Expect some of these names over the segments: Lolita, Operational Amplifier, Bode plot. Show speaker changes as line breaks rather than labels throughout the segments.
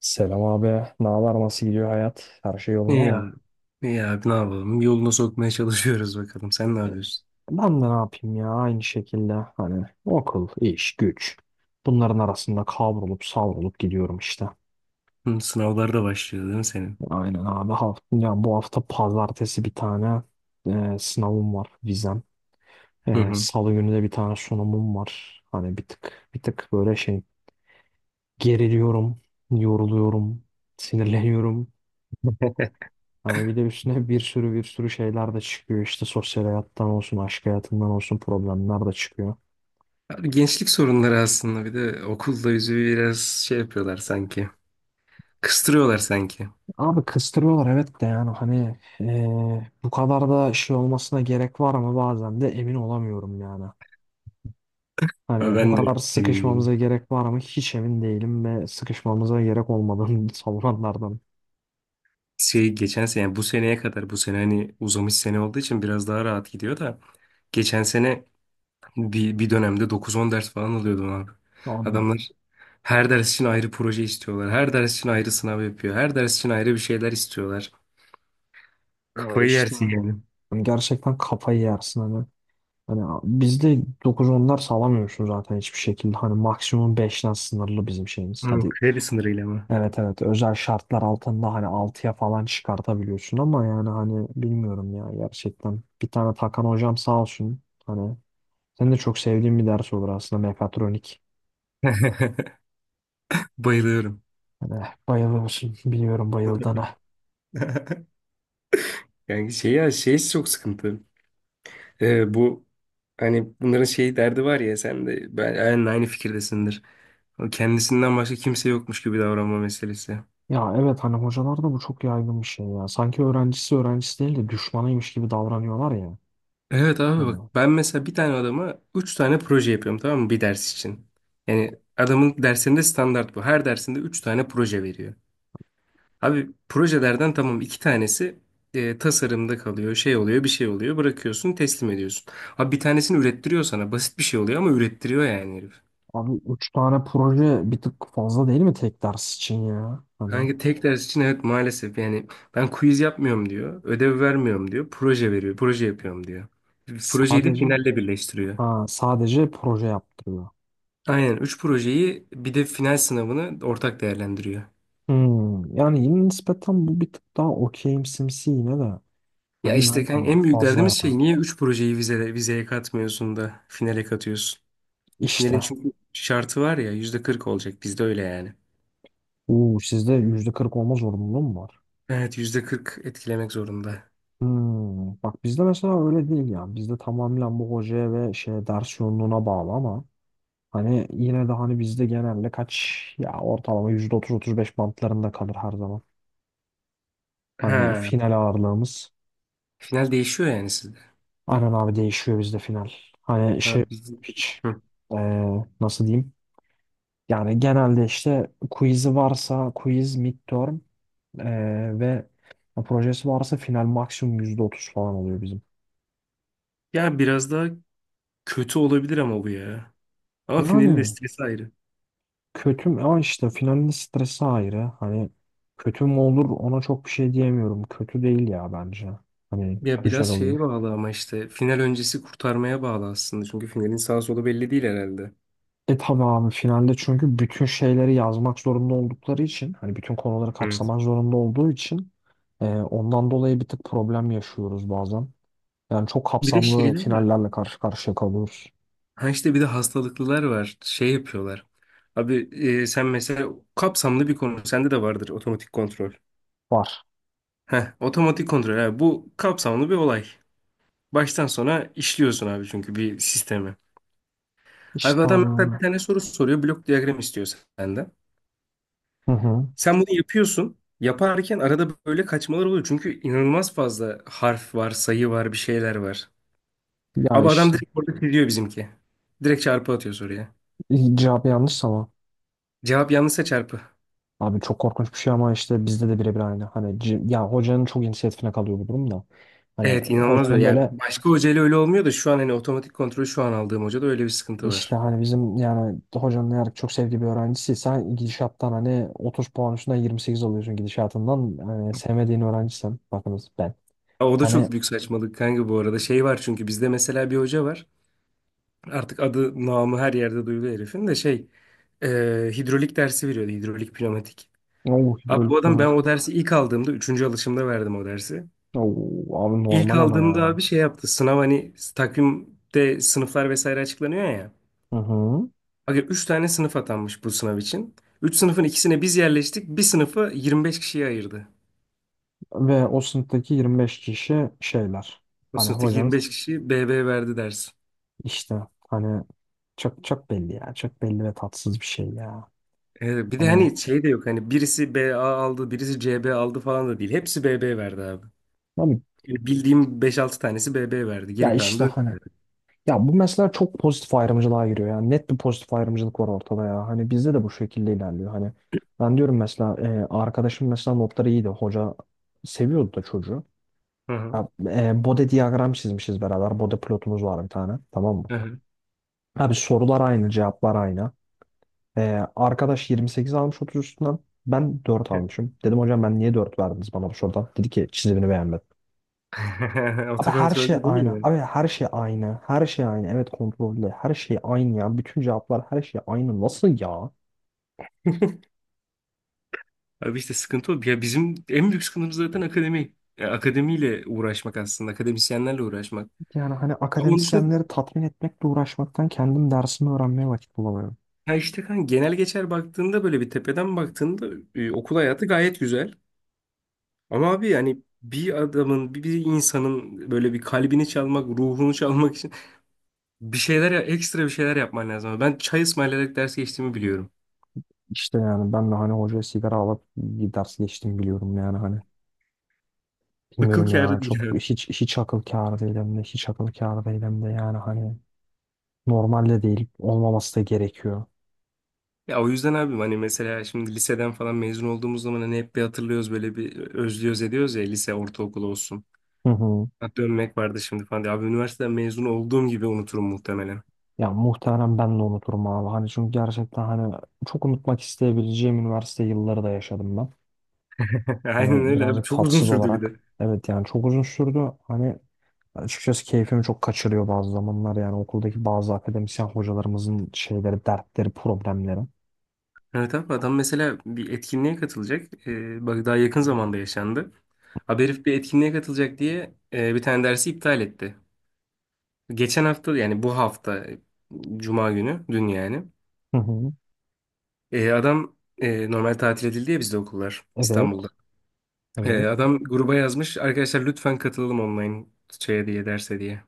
Selam abi. Ne haber? Nasıl gidiyor hayat? Her şey yolunda
İyi
mı?
abi. İyi abi ne yapalım? Yoluna sokmaya çalışıyoruz bakalım. Sen ne yapıyorsun?
Ben de ne yapayım ya? Aynı şekilde hani okul, iş, güç. Bunların arasında kavrulup savrulup gidiyorum işte.
Hı, sınavlar da başlıyor değil mi senin?
Aynen abi. Ya bu hafta pazartesi bir tane sınavım var, vizem.
Hı hı.
Salı günü de bir tane sunumum var. Hani bir tık bir tık böyle şey geriliyorum, yoruluyorum, sinirleniyorum. Hani bir de üstüne bir sürü bir sürü şeyler de çıkıyor. İşte sosyal hayattan olsun, aşk hayatından olsun problemler de çıkıyor.
Abi gençlik sorunları aslında bir de okulda bizi biraz yapıyorlar sanki. Kıstırıyorlar sanki.
Abi kıstırıyorlar, evet, de yani hani bu kadar da şey olmasına gerek var mı bazen de emin olamıyorum yani.
Ama
Hani bu
ben
kadar
de emin değilim.
sıkışmamıza gerek var mı hiç emin değilim ve sıkışmamıza gerek olmadığını savunanlardan.
Geçen sene yani bu seneye kadar bu sene hani uzamış sene olduğu için biraz daha rahat gidiyor da geçen sene bir dönemde dokuz on ders falan alıyordum abi.
Abi
Adamlar her ders için ayrı proje istiyorlar. Her ders için ayrı sınav yapıyor. Her ders için ayrı bir şeyler istiyorlar.
evet,
Kafayı
işte
yersin yani.
hani gerçekten kafayı yersin hani. Hani bizde dokuz onlar sağlamıyorsun zaten hiçbir şekilde. Hani maksimum beşten sınırlı bizim şeyimiz.
Hmm,
Hadi.
kredi sınırıyla mı?
Evet, evet, özel şartlar altında hani altıya falan çıkartabiliyorsun ama yani hani bilmiyorum ya gerçekten. Bir tane Takan hocam sağ olsun. Hani senin de çok sevdiğim bir ders olur aslında, mekatronik.
Bayılıyorum.
Hani bayılıyorsun biliyorum bayıldığına.
Yani çok sıkıntı. Bu hani bunların şey derdi var ya sen de ben aynı fikirdesindir. O kendisinden başka kimse yokmuş gibi davranma meselesi.
Ya evet hani hocalarda bu çok yaygın bir şey ya. Sanki öğrencisi öğrencisi değil de düşmanıymış gibi davranıyorlar ya.
Evet abi
Hani
bak ben mesela bir tane adama üç tane proje yapıyorum, tamam mı, bir ders için. Yani adamın dersinde standart bu. Her dersinde üç tane proje veriyor. Abi projelerden tamam iki tanesi tasarımda kalıyor, şey oluyor, bir şey oluyor, bırakıyorsun, teslim ediyorsun. Abi bir tanesini ürettiriyor sana, basit bir şey oluyor ama ürettiriyor yani herif.
abi 3 tane proje bir tık fazla değil mi tek ders için ya? Hani
Hangi tek ders için, evet maalesef yani ben quiz yapmıyorum diyor, ödev vermiyorum diyor, proje veriyor, proje yapıyorum diyor. Projeyi de
sadece
finalle birleştiriyor.
ha, sadece proje yaptırıyor.
Aynen 3 projeyi bir de final sınavını ortak değerlendiriyor.
Hmm, yani yine nispeten bu bir tık daha okeyimsimsi yine de.
Ya
Hani
işte kan
yani
en büyük
fazla ya.
derdimiz şey niye 3 projeyi vizeye katmıyorsun da finale katıyorsun? Finalin
İşte.
çünkü şartı var ya, %40 olacak bizde öyle yani.
Uuu, sizde %40 olma zorunluluğu mu var?
Evet %40 etkilemek zorunda.
Hmm, bak bizde mesela öyle değil yani. Bizde tamamen bu hocaya ve şeye ders yoğunluğuna bağlı ama hani yine de hani bizde genelde kaç ya, ortalama %30-35 bantlarında kalır her zaman. Hani. Evet.
Ha,
Final ağırlığımız.
final değişiyor yani sizde.
Aynen abi, değişiyor bizde final. Hani
Ha,
şey
biz...
hiç
Hı.
ee, nasıl diyeyim? Yani genelde işte quiz'i varsa quiz midterm e, ve projesi varsa final maksimum %30 falan oluyor bizim.
Ya biraz daha kötü olabilir ama bu ya. Ama finalin de
Yani
stresi ayrı.
kötü mü? Ama işte finalin stresi ayrı. Hani kötü mü olur ona çok bir şey diyemiyorum. Kötü değil ya bence. Hani
Ya biraz
güzel olur.
şeye bağlı ama işte final öncesi kurtarmaya bağlı aslında. Çünkü finalin sağ solu belli değil herhalde.
E tabi abi finalde çünkü bütün şeyleri yazmak zorunda oldukları için hani bütün konuları
Evet.
kapsamak zorunda olduğu için ondan dolayı bir tık problem yaşıyoruz bazen. Yani çok
Bir de
kapsamlı
şeyler var.
finallerle karşı karşıya kalıyoruz.
Ha işte bir de hastalıklılar var. Şey yapıyorlar. Abi sen mesela kapsamlı bir konu. Sende de vardır otomatik kontrol.
Var.
Heh, otomatik kontrol. Abi, bu kapsamlı bir olay. Baştan sona işliyorsun abi çünkü bir sistemi.
İşte.
Abi
Aa.
adam mesela bir tane soru soruyor. Blok diyagram istiyor senden.
Hı hı.
Sen bunu yapıyorsun. Yaparken arada böyle kaçmalar oluyor. Çünkü inanılmaz fazla harf var, sayı var, bir şeyler var.
Ya
Abi adam
işte
direkt orada çiziyor bizimki. Direkt çarpı atıyor soruya.
cevabı yanlış ama
Cevap yanlışsa çarpı.
abi çok korkunç bir şey, ama işte bizde de birebir aynı. Hani ya hocanın çok inisiyatifine kalıyor bu durum da. Hani
Evet inanılmaz
hocanın
öyle. Yani
böyle
başka hocayla öyle olmuyor da şu an hani otomatik kontrolü şu an aldığım hocada öyle bir sıkıntı
işte
var.
hani bizim yani hocanın eğer çok sevdiği bir öğrencisiyse gidişattan hani 30 puan üstünden 28 alıyorsun gidişatından. Hani sevmediğin öğrencisem bakınız ben.
Aa, o da
Hani
çok büyük saçmalık kanka bu arada. Şey var çünkü bizde mesela bir hoca var. Artık adı namı her yerde duyuluyor herifin de e, hidrolik dersi veriyordu, hidrolik pneumatik.
o
Abi
hidrolik
bu adam ben
pneumatik.
o dersi ilk aldığımda üçüncü alışımda verdim o dersi.
Oo, abi
İlk
normal ama ya.
aldığımda abi şey yaptı, sınav hani takvimde sınıflar vesaire açıklanıyor ya.
Hı hı.
Abi 3 tane sınıf atanmış bu sınav için. 3 sınıfın ikisine biz yerleştik, bir sınıfı 25 kişiye ayırdı.
Ve o sınıftaki 25 kişi şeyler.
O
Hani
sınıftaki
hocanız
25 kişi BB verdi ders.
işte hani çok çok belli ya. Çok belli ve tatsız bir şey ya.
Bir de
Hani
hani şey de yok hani birisi BA aldı birisi CB aldı falan da değil. Hepsi BB verdi abi.
abi
Yani bildiğim beş altı tanesi BB verdi.
ya
Geri kalanı
işte
da öyle
hani,
verdi.
ya bu mesela çok pozitif ayrımcılığa giriyor ya. Net bir pozitif ayrımcılık var ortada ya. Hani bizde de bu şekilde ilerliyor. Hani ben diyorum mesela arkadaşım mesela notları iyiydi. Hoca seviyordu da çocuğu.
Hı hı.
Ya, Bode diyagram çizmişiz beraber. Bode plotumuz var bir tane. Tamam mı?
Hı hı.
Abi sorular aynı, cevaplar aynı. Arkadaş 28 almış 30 üstünden. Ben 4 almışım. Dedim hocam ben niye 4 verdiniz bana bu sorudan? Dedi ki çizimini beğenmedim. Abi her
Otokontrol
şey
değil mi
aynı.
yine?
Abi her şey aynı. Her şey aynı. Evet kontrollü. Her şey aynı ya. Bütün cevaplar her şey aynı. Nasıl ya?
Abi işte sıkıntı o. Ya bizim en büyük sıkıntımız zaten akademi. Ya akademiyle uğraşmak aslında. Akademisyenlerle uğraşmak.
Yani hani
Ama onun dışında
akademisyenleri tatmin etmekle uğraşmaktan kendim dersimi öğrenmeye vakit bulamıyorum.
ya işte kan genel geçer baktığında, böyle bir tepeden baktığında, okul hayatı gayet güzel. Ama abi yani bir adamın, bir insanın böyle bir kalbini çalmak, ruhunu çalmak için bir şeyler, ekstra bir şeyler yapman lazım. Ben çay ısmarlayarak ders geçtiğimi biliyorum.
İşte yani ben de hani hocaya sigara alıp bir ders geçtim biliyorum yani hani.
Akıl
Bilmiyorum ya,
kârı değil.
çok hiç hiç akıl kârı değil hem de hiç akıl kârı değil hem de yani hani normalde değil. Olmaması da gerekiyor.
Ya o yüzden abim hani mesela şimdi liseden falan mezun olduğumuz zaman hani hep bir hatırlıyoruz böyle bir özlüyoruz ediyoruz ya, lise ortaokul olsun.
Hı hı.
Ha, dönmek vardı şimdi falan diye. Abi üniversiteden mezun olduğum gibi unuturum muhtemelen.
Ya muhtemelen ben de unuturum abi. Hani çünkü gerçekten hani çok unutmak isteyebileceğim üniversite yılları da yaşadım ben.
Aynen
Hani
öyle abi,
birazcık
çok uzun
tatsız
sürdü bir de.
olarak. Evet yani çok uzun sürdü. Hani açıkçası keyfimi çok kaçırıyor bazı zamanlar. Yani okuldaki bazı akademisyen hocalarımızın şeyleri, dertleri, problemleri.
Evet abi adam mesela bir etkinliğe katılacak. Bak daha yakın zamanda yaşandı. Abi herif bir etkinliğe katılacak diye bir tane dersi iptal etti. Geçen hafta yani bu hafta cuma günü, dün yani.
Hı hı.
Adam normal tatil edildi ya bizde okullar İstanbul'da.
Evet, evet.
Adam gruba yazmış. Arkadaşlar lütfen katılalım online şeye diye derse diye.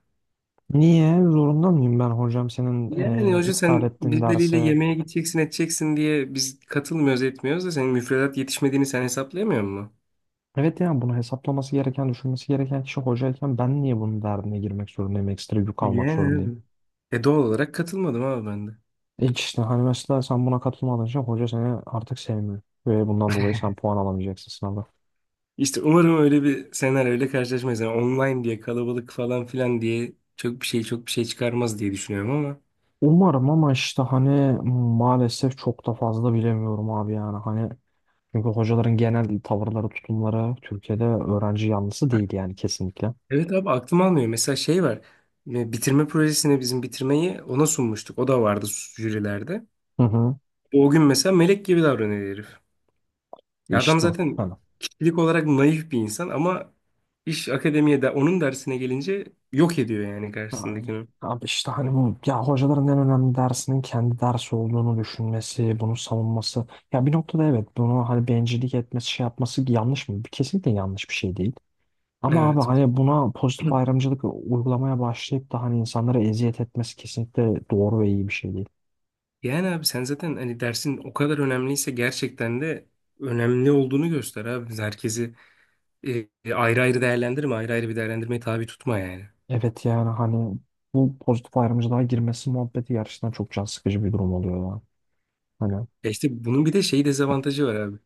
Niye? Zorunda mıyım ben hocam senin
Yani hoca
iptal
sen
ettiğin
birileriyle
derse.
yemeğe gideceksin edeceksin diye biz katılmıyoruz etmiyoruz da senin müfredat yetişmediğini sen hesaplayamıyor musun?
Evet yani bunu hesaplaması gereken, düşünmesi gereken kişi hocayken ben niye bunun derdine girmek zorundayım, ekstra yük almak
Yani
zorundayım?
abi. E doğal olarak katılmadım abi ben de.
E işte hani mesela sen buna katılmadığın için hoca seni artık sevmiyor ve bundan dolayı sen puan alamayacaksın sınavda.
İşte umarım öyle bir senaryo öyle karşılaşmayız. Yani online diye kalabalık falan filan diye çok bir şey çıkarmaz diye düşünüyorum ama.
Umarım ama işte hani maalesef çok da fazla bilemiyorum abi yani hani çünkü hocaların genel tavırları, tutumları Türkiye'de öğrenci yanlısı değil yani kesinlikle.
Evet abi aklım almıyor. Mesela şey var. Bitirme projesine bizim bitirmeyi ona sunmuştuk. O da vardı jürilerde.
Hı hı.
O gün mesela melek gibi davranıyor herif. Ya adam
İşte.
zaten
Ha.
kişilik olarak naif bir insan ama iş akademiye de, onun dersine gelince yok ediyor yani
Ha.
karşısındakini.
Abi işte hani bu ya, hocaların en önemli dersinin kendi dersi olduğunu düşünmesi, bunu savunması. Ya bir noktada evet, bunu hani bencillik etmesi şey yapması yanlış mı? Kesinlikle yanlış bir şey değil. Ama abi
Evet.
hani buna pozitif ayrımcılık uygulamaya başlayıp da hani insanlara eziyet etmesi kesinlikle doğru ve iyi bir şey değil.
Yani abi sen zaten hani dersin o kadar önemliyse gerçekten de önemli olduğunu göster abi. Herkesi ayrı ayrı değerlendirme, ayrı ayrı bir değerlendirmeye tabi tutma yani.
Evet yani hani bu pozitif ayrımcılığa girmesi muhabbeti gerçekten çok can sıkıcı bir durum oluyor ya. Hani.
Ya işte bunun bir de şey dezavantajı var abi.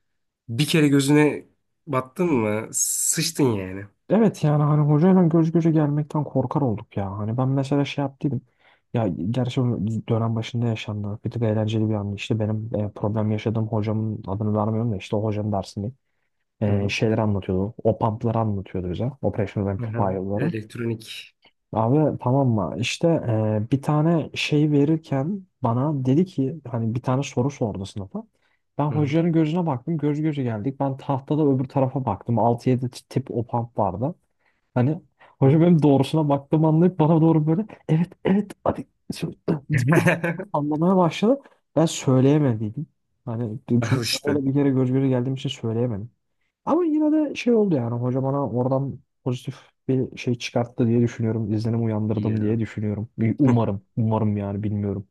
Bir kere gözüne battın mı sıçtın yani.
Evet yani hani hocayla göz göze gelmekten korkar olduk ya. Hani ben mesela şey yaptıydım. Ya gerçi bu dönem başında yaşandı. Bir tık eğlenceli bir an. İşte benim problem yaşadığım hocamın adını vermiyorum da işte o hocanın dersini
Hı hı.
şeyler anlatıyordu. O pumpları anlatıyordu bize. Operational
Hı hı.
Amplifier'ları.
Elektronik.
Abi tamam mı? İşte bir tane şey verirken bana dedi ki hani bir tane soru sordu sınıfa. Ben
Hı
hocanın gözüne baktım. Göz göze geldik. Ben tahtada öbür tarafa baktım. Altı yedi tip o pump vardı. Hani
hı.
hoca benim doğrusuna baktığımı anlayıp bana doğru böyle evet evet hadi şöyle deyip böyle sallamaya başladı. Ben söyleyemediydim. Hani çünkü
Al işte.
öyle bir kere göz göze geldiğim için söyleyemedim. Ama yine de şey oldu yani hoca bana oradan pozitif bir şey çıkarttı diye düşünüyorum. İzlenim
İyi
uyandırdım
ya.
diye düşünüyorum. Bir umarım. Umarım yani bilmiyorum.